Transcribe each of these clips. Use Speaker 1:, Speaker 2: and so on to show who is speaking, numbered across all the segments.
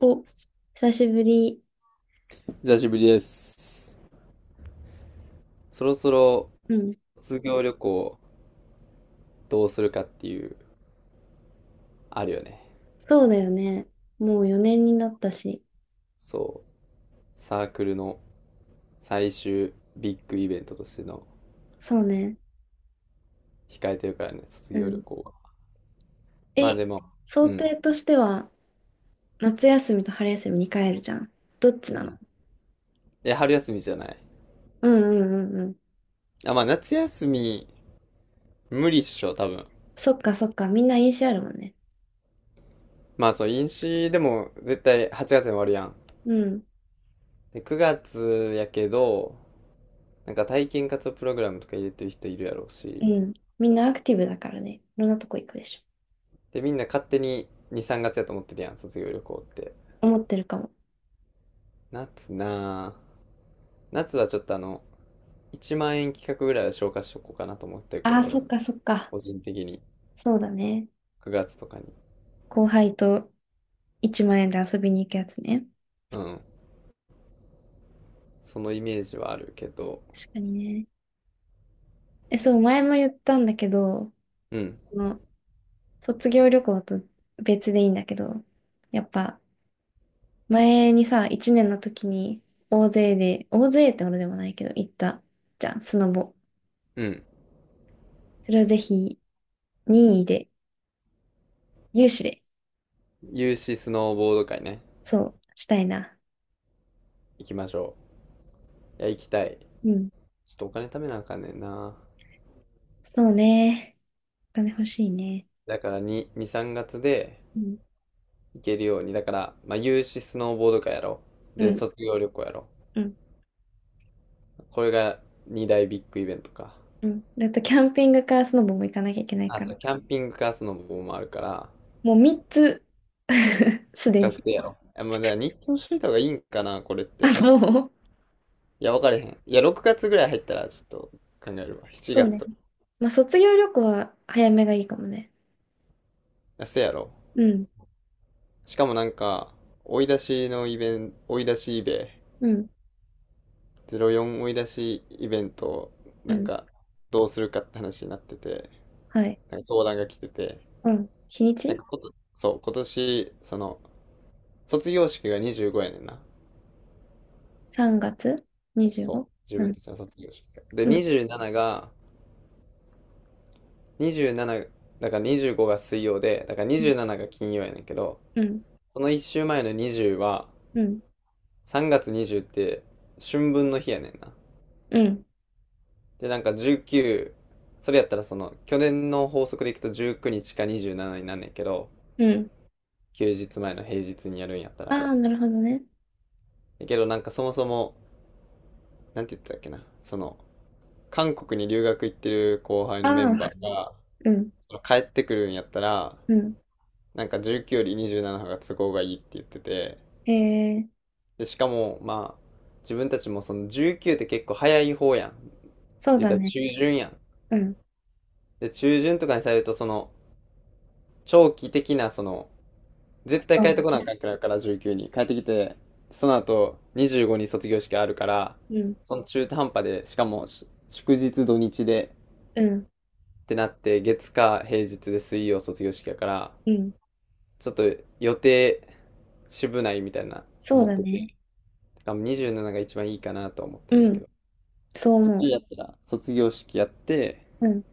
Speaker 1: お、久しぶり。
Speaker 2: 久しぶりです。そろそろ
Speaker 1: うん。
Speaker 2: 卒業旅行どうするかっていう、あるよね。
Speaker 1: そうだよね。もう4年になったし。
Speaker 2: そう。サークルの最終ビッグイベントとしての
Speaker 1: そうね。
Speaker 2: 控えてるからね、卒
Speaker 1: う
Speaker 2: 業旅
Speaker 1: ん。
Speaker 2: 行は。まあ
Speaker 1: え、
Speaker 2: でも、
Speaker 1: 想
Speaker 2: うん。
Speaker 1: 定としては、夏休みと春休みに帰るじゃん。どっち
Speaker 2: う
Speaker 1: なの？
Speaker 2: ん。え、春休みじゃない？
Speaker 1: うんうんうんうん。
Speaker 2: あ、まあ夏休み無理っしょ、多分。
Speaker 1: そっかそっか。みんな飲酒あるもんね。
Speaker 2: まあそう、飲酒でも絶対8月に終わるやん。
Speaker 1: うん。
Speaker 2: で、9月やけど、なんか体験活動プログラムとか入れてる人いるやろう
Speaker 1: う
Speaker 2: し、
Speaker 1: ん。みんなアクティブだからね。いろんなとこ行くでし
Speaker 2: で、みんな勝手に2、3月やと思ってるやん、卒業旅行って。
Speaker 1: ょ。思ってるかも。
Speaker 2: 夏なぁ。夏はちょっと1万円企画ぐらいは消化しとこうかなと思ってるけ
Speaker 1: あ
Speaker 2: ど、
Speaker 1: あ、
Speaker 2: 俺
Speaker 1: そ
Speaker 2: は。
Speaker 1: っかそっか。
Speaker 2: 個人的に。
Speaker 1: そうだね。
Speaker 2: 9月とかに。
Speaker 1: 後輩と1万円で遊びに行くやつね。
Speaker 2: うん。そのイメージはあるけど。
Speaker 1: 確かにね。そう、前も言ったんだけど、
Speaker 2: うん。
Speaker 1: あの卒業旅行と別でいいんだけど、やっぱ前にさ、1年の時に大勢で、大勢ってほどでもないけど行ったじゃん、スノボ。
Speaker 2: うん。
Speaker 1: それをぜひ任意で、有志で、
Speaker 2: 有志スノーボード会ね。
Speaker 1: そう、したいな。
Speaker 2: 行きましょう。いや、行きたい。
Speaker 1: うん。
Speaker 2: ちょっとお金貯めなあかんねんな。
Speaker 1: そうね。お金欲しいね。
Speaker 2: だから2、2、3月で
Speaker 1: うん。
Speaker 2: 行けるように。だから、まあ、有志スノーボード会やろう。
Speaker 1: う
Speaker 2: で、
Speaker 1: ん。
Speaker 2: 卒業旅行やろ
Speaker 1: うん。
Speaker 2: う。これが2大ビッグイベントか。
Speaker 1: うん。だとキャンピングカースノボも行かなきゃいけない
Speaker 2: あ、
Speaker 1: か
Speaker 2: そ
Speaker 1: ら。
Speaker 2: う、キャンピングカースノボもあるから、
Speaker 1: もう3つ すで
Speaker 2: 近く
Speaker 1: に。
Speaker 2: てやろう。え、もうだから日程しといた方がいいんかな、これっ
Speaker 1: あ、
Speaker 2: て。
Speaker 1: もう。
Speaker 2: いや、わかれへん。いや、6月ぐらい入ったらちょっと考えるわ。7
Speaker 1: そう
Speaker 2: 月
Speaker 1: ね。
Speaker 2: とか。
Speaker 1: まあ、卒業旅行は早めがいいかもね。
Speaker 2: あせやろ。
Speaker 1: うん。
Speaker 2: しかもなんか、追い出しのイベント、追い出しイベ、
Speaker 1: うん。
Speaker 2: 04追い出しイベント、
Speaker 1: う
Speaker 2: なん
Speaker 1: ん。
Speaker 2: か、どうするかって話になってて、
Speaker 1: はい。
Speaker 2: なんか相談が来てて、
Speaker 1: うん。日に
Speaker 2: なん
Speaker 1: ち、
Speaker 2: かこと、そう、今年、その、卒業式が25やねんな。
Speaker 1: 3 月 25？ う
Speaker 2: そ
Speaker 1: ご
Speaker 2: う、自
Speaker 1: う
Speaker 2: 分
Speaker 1: ん。
Speaker 2: たちの卒業式が。で、
Speaker 1: うん。
Speaker 2: 27が、27だから25が水曜で、だから27が金曜やねんけど、
Speaker 1: うん。
Speaker 2: この1週前の20は、
Speaker 1: うん。
Speaker 2: 3月20って春分の日やねんな。
Speaker 1: うん。
Speaker 2: でなんか19、それやったらその去年の法則でいくと19日か27になんねんけど、
Speaker 1: うん。
Speaker 2: 休日前の平日にやるんやったら。
Speaker 1: ああ、なるほどね。
Speaker 2: だけどなんかそもそも、なんて言ってたっけな、その韓国に留学行ってる後輩のメ
Speaker 1: ああ、
Speaker 2: ンバーが、
Speaker 1: うん。
Speaker 2: その帰ってくるんやったら、
Speaker 1: うん。
Speaker 2: なんか19より27の方が都合がいいって言ってて、
Speaker 1: へえ、
Speaker 2: で、しかも、まあ、自分たちもその19って結構早い方やん。
Speaker 1: そう
Speaker 2: 言っ
Speaker 1: だ
Speaker 2: たら
Speaker 1: ね。
Speaker 2: 中旬やん。
Speaker 1: うん。
Speaker 2: で、中旬とかにされると、その、長期的な、その、絶対
Speaker 1: そ
Speaker 2: 帰
Speaker 1: う。
Speaker 2: ってこなあかんくから、19に。帰ってきて、その後、25に卒業式あるから、
Speaker 1: うん。
Speaker 2: その中途半端で、しかも、祝日土日で、
Speaker 1: うん。
Speaker 2: ってなって、月火平日で水曜卒業式やから、
Speaker 1: うん。
Speaker 2: ちょっと予定、渋ないみたいな
Speaker 1: そう
Speaker 2: 思っ
Speaker 1: だ
Speaker 2: てて、
Speaker 1: ね。
Speaker 2: しかも27が一番いいかなと思ってん
Speaker 1: う
Speaker 2: だけ
Speaker 1: ん。
Speaker 2: ど。
Speaker 1: そう
Speaker 2: そっち
Speaker 1: 思
Speaker 2: やったら、卒業式やって、
Speaker 1: う。うん。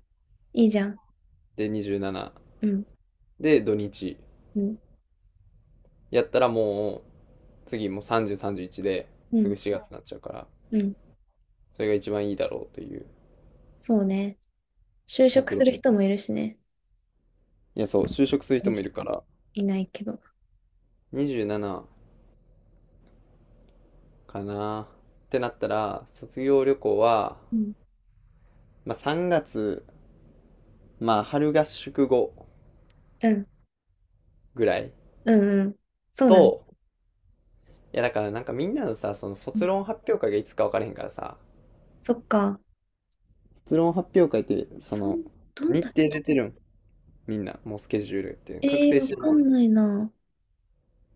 Speaker 1: いいじゃん。
Speaker 2: で、27。
Speaker 1: うん。
Speaker 2: で、土日。
Speaker 1: うん。
Speaker 2: やったらもう、次もう30、31で
Speaker 1: う
Speaker 2: すぐ
Speaker 1: ん。
Speaker 2: 4月になっちゃうから、
Speaker 1: うん。
Speaker 2: それが一番いいだろうという
Speaker 1: そうね。就職
Speaker 2: 目
Speaker 1: す
Speaker 2: 論
Speaker 1: る
Speaker 2: 見。
Speaker 1: 人もいるしね。
Speaker 2: いや、そう、就職する人もいるから、
Speaker 1: いないけど。
Speaker 2: 27かなってなったら、卒業旅行は、
Speaker 1: うん。
Speaker 2: まあ3月、まあ春合宿後
Speaker 1: うん。
Speaker 2: ぐらい
Speaker 1: うん。うん。そう
Speaker 2: と、
Speaker 1: だね。
Speaker 2: いやだからなんかみんなのさ、その
Speaker 1: うん。
Speaker 2: 卒論発表会がいつか分からへんからさ、
Speaker 1: そっか。
Speaker 2: 卒論発表会って、そ
Speaker 1: そ
Speaker 2: の、
Speaker 1: ん、どん
Speaker 2: 日
Speaker 1: だ
Speaker 2: 程出てるん？みんなもうスケジュールっていう確
Speaker 1: ええ
Speaker 2: 定
Speaker 1: ー、
Speaker 2: し
Speaker 1: わ
Speaker 2: てる
Speaker 1: か
Speaker 2: もん？
Speaker 1: んないな。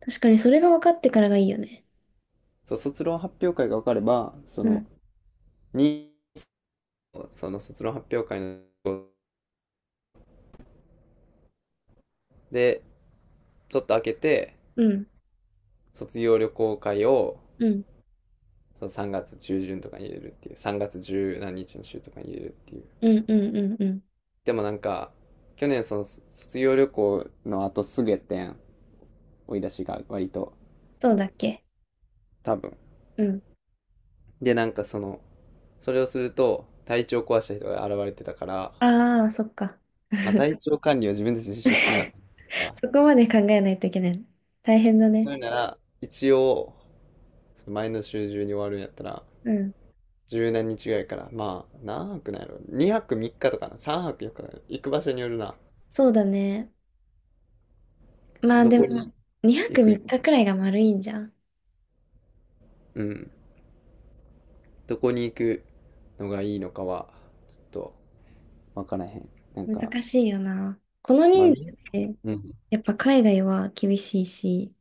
Speaker 1: 確かにそれが分かってからがいいよね。
Speaker 2: そう卒論発表会が分かれば、そ
Speaker 1: う
Speaker 2: の
Speaker 1: ん、
Speaker 2: に、その卒論発表会のでちょっと開けて
Speaker 1: うん、
Speaker 2: 卒業旅行会を、
Speaker 1: うん、
Speaker 2: その3月中旬とかに入れるっていう、3月十何日の週とかに入れるっていう。
Speaker 1: うん、うん、うん。うん。
Speaker 2: でもなんか去年その卒業旅行の後すぐやったやん、追い出しが割と。
Speaker 1: そうだっけ？
Speaker 2: 多分。
Speaker 1: うん。
Speaker 2: でなんかその、それをすると体調壊した人が現れてたから、
Speaker 1: ああ、そっか。
Speaker 2: まあ、体調管理を自分たちでしなかった、
Speaker 1: そこまで考えないといけない。大変だ
Speaker 2: そ
Speaker 1: ね。
Speaker 2: ういうなら、一応、その前の週中に終わるんやったら、
Speaker 1: うん。
Speaker 2: 十何日ぐらいから、まあ、何泊なんやろ、2泊3日とかな、3泊4日とかな、行く場所によるな、
Speaker 1: そうだね。まあ
Speaker 2: ど
Speaker 1: で
Speaker 2: こ
Speaker 1: も、
Speaker 2: に
Speaker 1: 2
Speaker 2: 行
Speaker 1: 泊
Speaker 2: くんや、
Speaker 1: 3日くらいが丸いんじゃん。
Speaker 2: うん、どこに行くのがいいのかは、ちょっと、わからへん。なんか、
Speaker 1: 難しいよな。この
Speaker 2: まあ、
Speaker 1: 人
Speaker 2: み
Speaker 1: 数
Speaker 2: ん
Speaker 1: で、
Speaker 2: うん、
Speaker 1: やっぱ海外は厳しいし、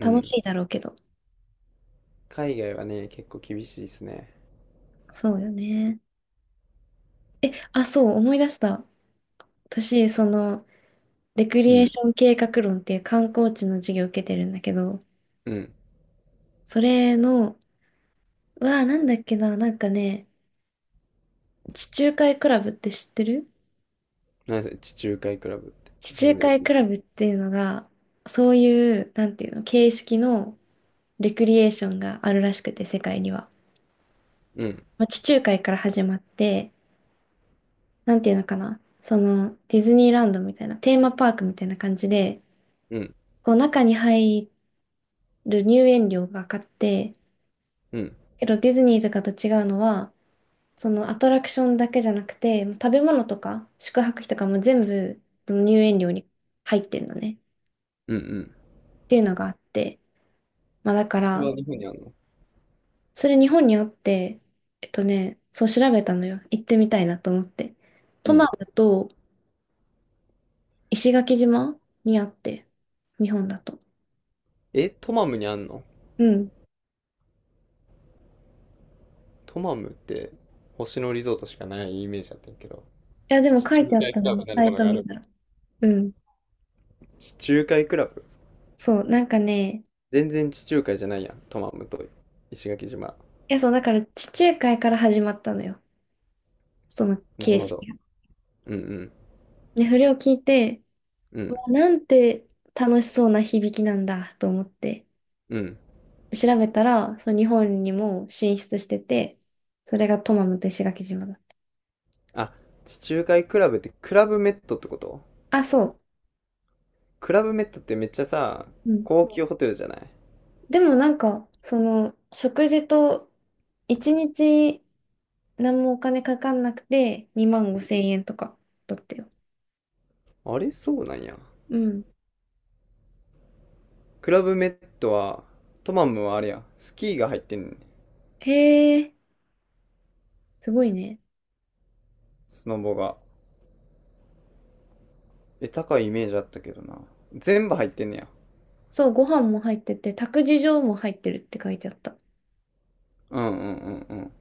Speaker 2: う
Speaker 1: 楽
Speaker 2: ん。
Speaker 1: しいだろうけど。
Speaker 2: 海外はね、結構厳しいですね。
Speaker 1: そうよね。あ、そう、思い出した。私、レク
Speaker 2: う
Speaker 1: リエー
Speaker 2: ん、
Speaker 1: ション計画論っていう観光地の授業を受けてるんだけど、
Speaker 2: うん。
Speaker 1: それの、うわあ、なんだっけな、なんかね、地中海クラブって知ってる？
Speaker 2: なんせ、地中海クラブって、
Speaker 1: 地
Speaker 2: 初
Speaker 1: 中
Speaker 2: めて
Speaker 1: 海
Speaker 2: 聞い
Speaker 1: ク
Speaker 2: た。
Speaker 1: ラブっていうのが、そういう、なんていうの、形式のレクリエーションがあるらしくて、世界には。
Speaker 2: うん、
Speaker 1: まあ、地中海から始まって、なんていうのかな、ディズニーランドみたいな、テーマパークみたいな感じで、
Speaker 2: うん、
Speaker 1: こう、中に入る入園料がかかって、
Speaker 2: うん、
Speaker 1: けどディズニーとかと違うのは、そのアトラクションだけじゃなくて、食べ物とか宿泊費とかも全部その入園料に入ってんのね。っ
Speaker 2: うん、うん。
Speaker 1: ていうのがあって。まあだか
Speaker 2: それ
Speaker 1: ら、
Speaker 2: は日本にあんの？
Speaker 1: それ日本にあって、そう調べたのよ。行ってみたいなと思って。
Speaker 2: う
Speaker 1: トマ
Speaker 2: ん。
Speaker 1: ムと石垣島にあって、日本だと。
Speaker 2: え、トマムにあんの？
Speaker 1: うん。い
Speaker 2: トマムって星野リゾートしかないイメージだったんやけど、
Speaker 1: や、でも
Speaker 2: 地
Speaker 1: 書
Speaker 2: 中
Speaker 1: いてあっ
Speaker 2: 海
Speaker 1: た
Speaker 2: クラブ
Speaker 1: の、
Speaker 2: なる
Speaker 1: サ
Speaker 2: も
Speaker 1: イ
Speaker 2: の
Speaker 1: ト
Speaker 2: があ
Speaker 1: 見
Speaker 2: る。
Speaker 1: たら。うん。
Speaker 2: 地中海クラブ、
Speaker 1: そう、なんかね、
Speaker 2: 全然地中海じゃないやん、トマムと石垣島。
Speaker 1: いや、そう、だから地中海から始まったのよ。その
Speaker 2: なる
Speaker 1: 形
Speaker 2: ほど。
Speaker 1: 式が。
Speaker 2: うんうん。
Speaker 1: で、それを聞いて、
Speaker 2: うん
Speaker 1: なんて楽しそうな響きなんだと思って
Speaker 2: うん。
Speaker 1: 調べたら、そう、日本にも進出してて、それがトマムと石垣島だっ
Speaker 2: あ、地中海クラブってクラブメットってこと？
Speaker 1: た。あ、そう。
Speaker 2: クラブメットってめっちゃさ、
Speaker 1: うん。
Speaker 2: 高級ホテルじゃない？
Speaker 1: でもなんか、食事と一日何もお金かかんなくて2万5千円とかだったよ。
Speaker 2: あれそうなんや。
Speaker 1: うん。
Speaker 2: クラブメットは、トマムはあれや、スキーが入ってんねん。
Speaker 1: へえ、すごいね。
Speaker 2: スノボが。え、高いイメージあったけどな。全部入ってんねや。
Speaker 1: そう、ご飯も入ってて、託児所も入ってるって書いてあった。
Speaker 2: うんうんうんうん。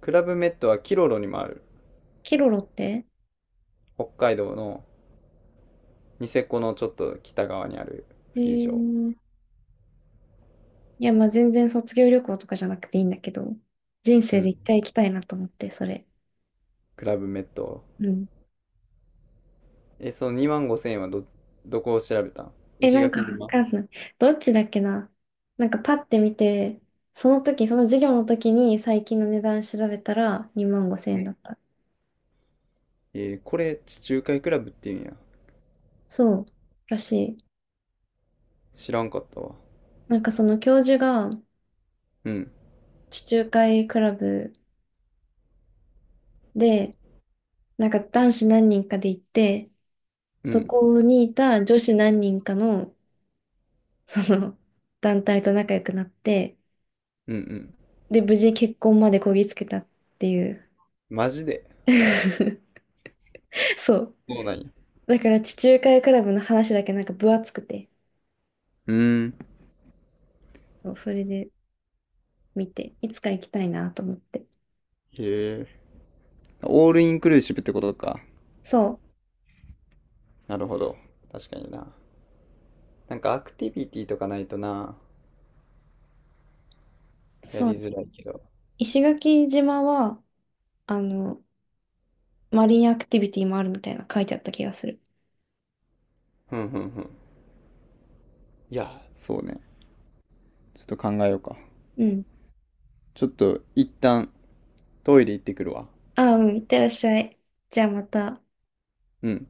Speaker 2: クラブメットはキロロにもある。
Speaker 1: キロロって？
Speaker 2: 北海道の、ニセコのちょっと北側にある
Speaker 1: へ
Speaker 2: スキー場。
Speaker 1: え。いや、まあ全然卒業旅行とかじゃなくていいんだけど、人
Speaker 2: う
Speaker 1: 生で一
Speaker 2: ん。
Speaker 1: 回行きたいなと思って、それ。
Speaker 2: クラブメット。
Speaker 1: うん。
Speaker 2: え、その2万5千円はどこを調べたん？
Speaker 1: え、
Speaker 2: 石
Speaker 1: なんか
Speaker 2: 垣
Speaker 1: わ
Speaker 2: 島。
Speaker 1: かんない。どっちだっけな。なんかパッて見て、その時、その授業の時に最近の値段調べたら2万5千
Speaker 2: う
Speaker 1: 円だ
Speaker 2: ん。
Speaker 1: った。
Speaker 2: えーこれ、地中海クラブって言うんや。
Speaker 1: そう、らしい。
Speaker 2: 知らんかったわ。
Speaker 1: なんかその教授が
Speaker 2: うん。
Speaker 1: 地中海クラブで、なんか男子何人かで行って、
Speaker 2: う
Speaker 1: そ
Speaker 2: ん。
Speaker 1: こにいた女子何人かの、その 団体と仲良くなって、
Speaker 2: うんうん。
Speaker 1: で、無事結婚までこぎつけたっていう。
Speaker 2: マジで。
Speaker 1: そう。
Speaker 2: そうなんや。
Speaker 1: だから地中海クラブの話だけなんか分厚くて、
Speaker 2: うーん。
Speaker 1: そう、それで見て、いつか行きたいなと思って。
Speaker 2: へえ。オールインクルーシブってことか。
Speaker 1: そ
Speaker 2: なるほど。確かにな。なんかアクティビティとかないとな、
Speaker 1: う、
Speaker 2: や
Speaker 1: そ
Speaker 2: り
Speaker 1: うね。
Speaker 2: づらいけど。
Speaker 1: 石垣島は、あの、マリンアクティビティもあるみたいな書いてあった気がする。
Speaker 2: ふんふんふん。いや、そうね。ちょっと考えようか。
Speaker 1: うん。
Speaker 2: ちょっと一旦トイレ行ってくるわ。
Speaker 1: ああ、うん、いってらっしゃい。じゃあまた。
Speaker 2: うん。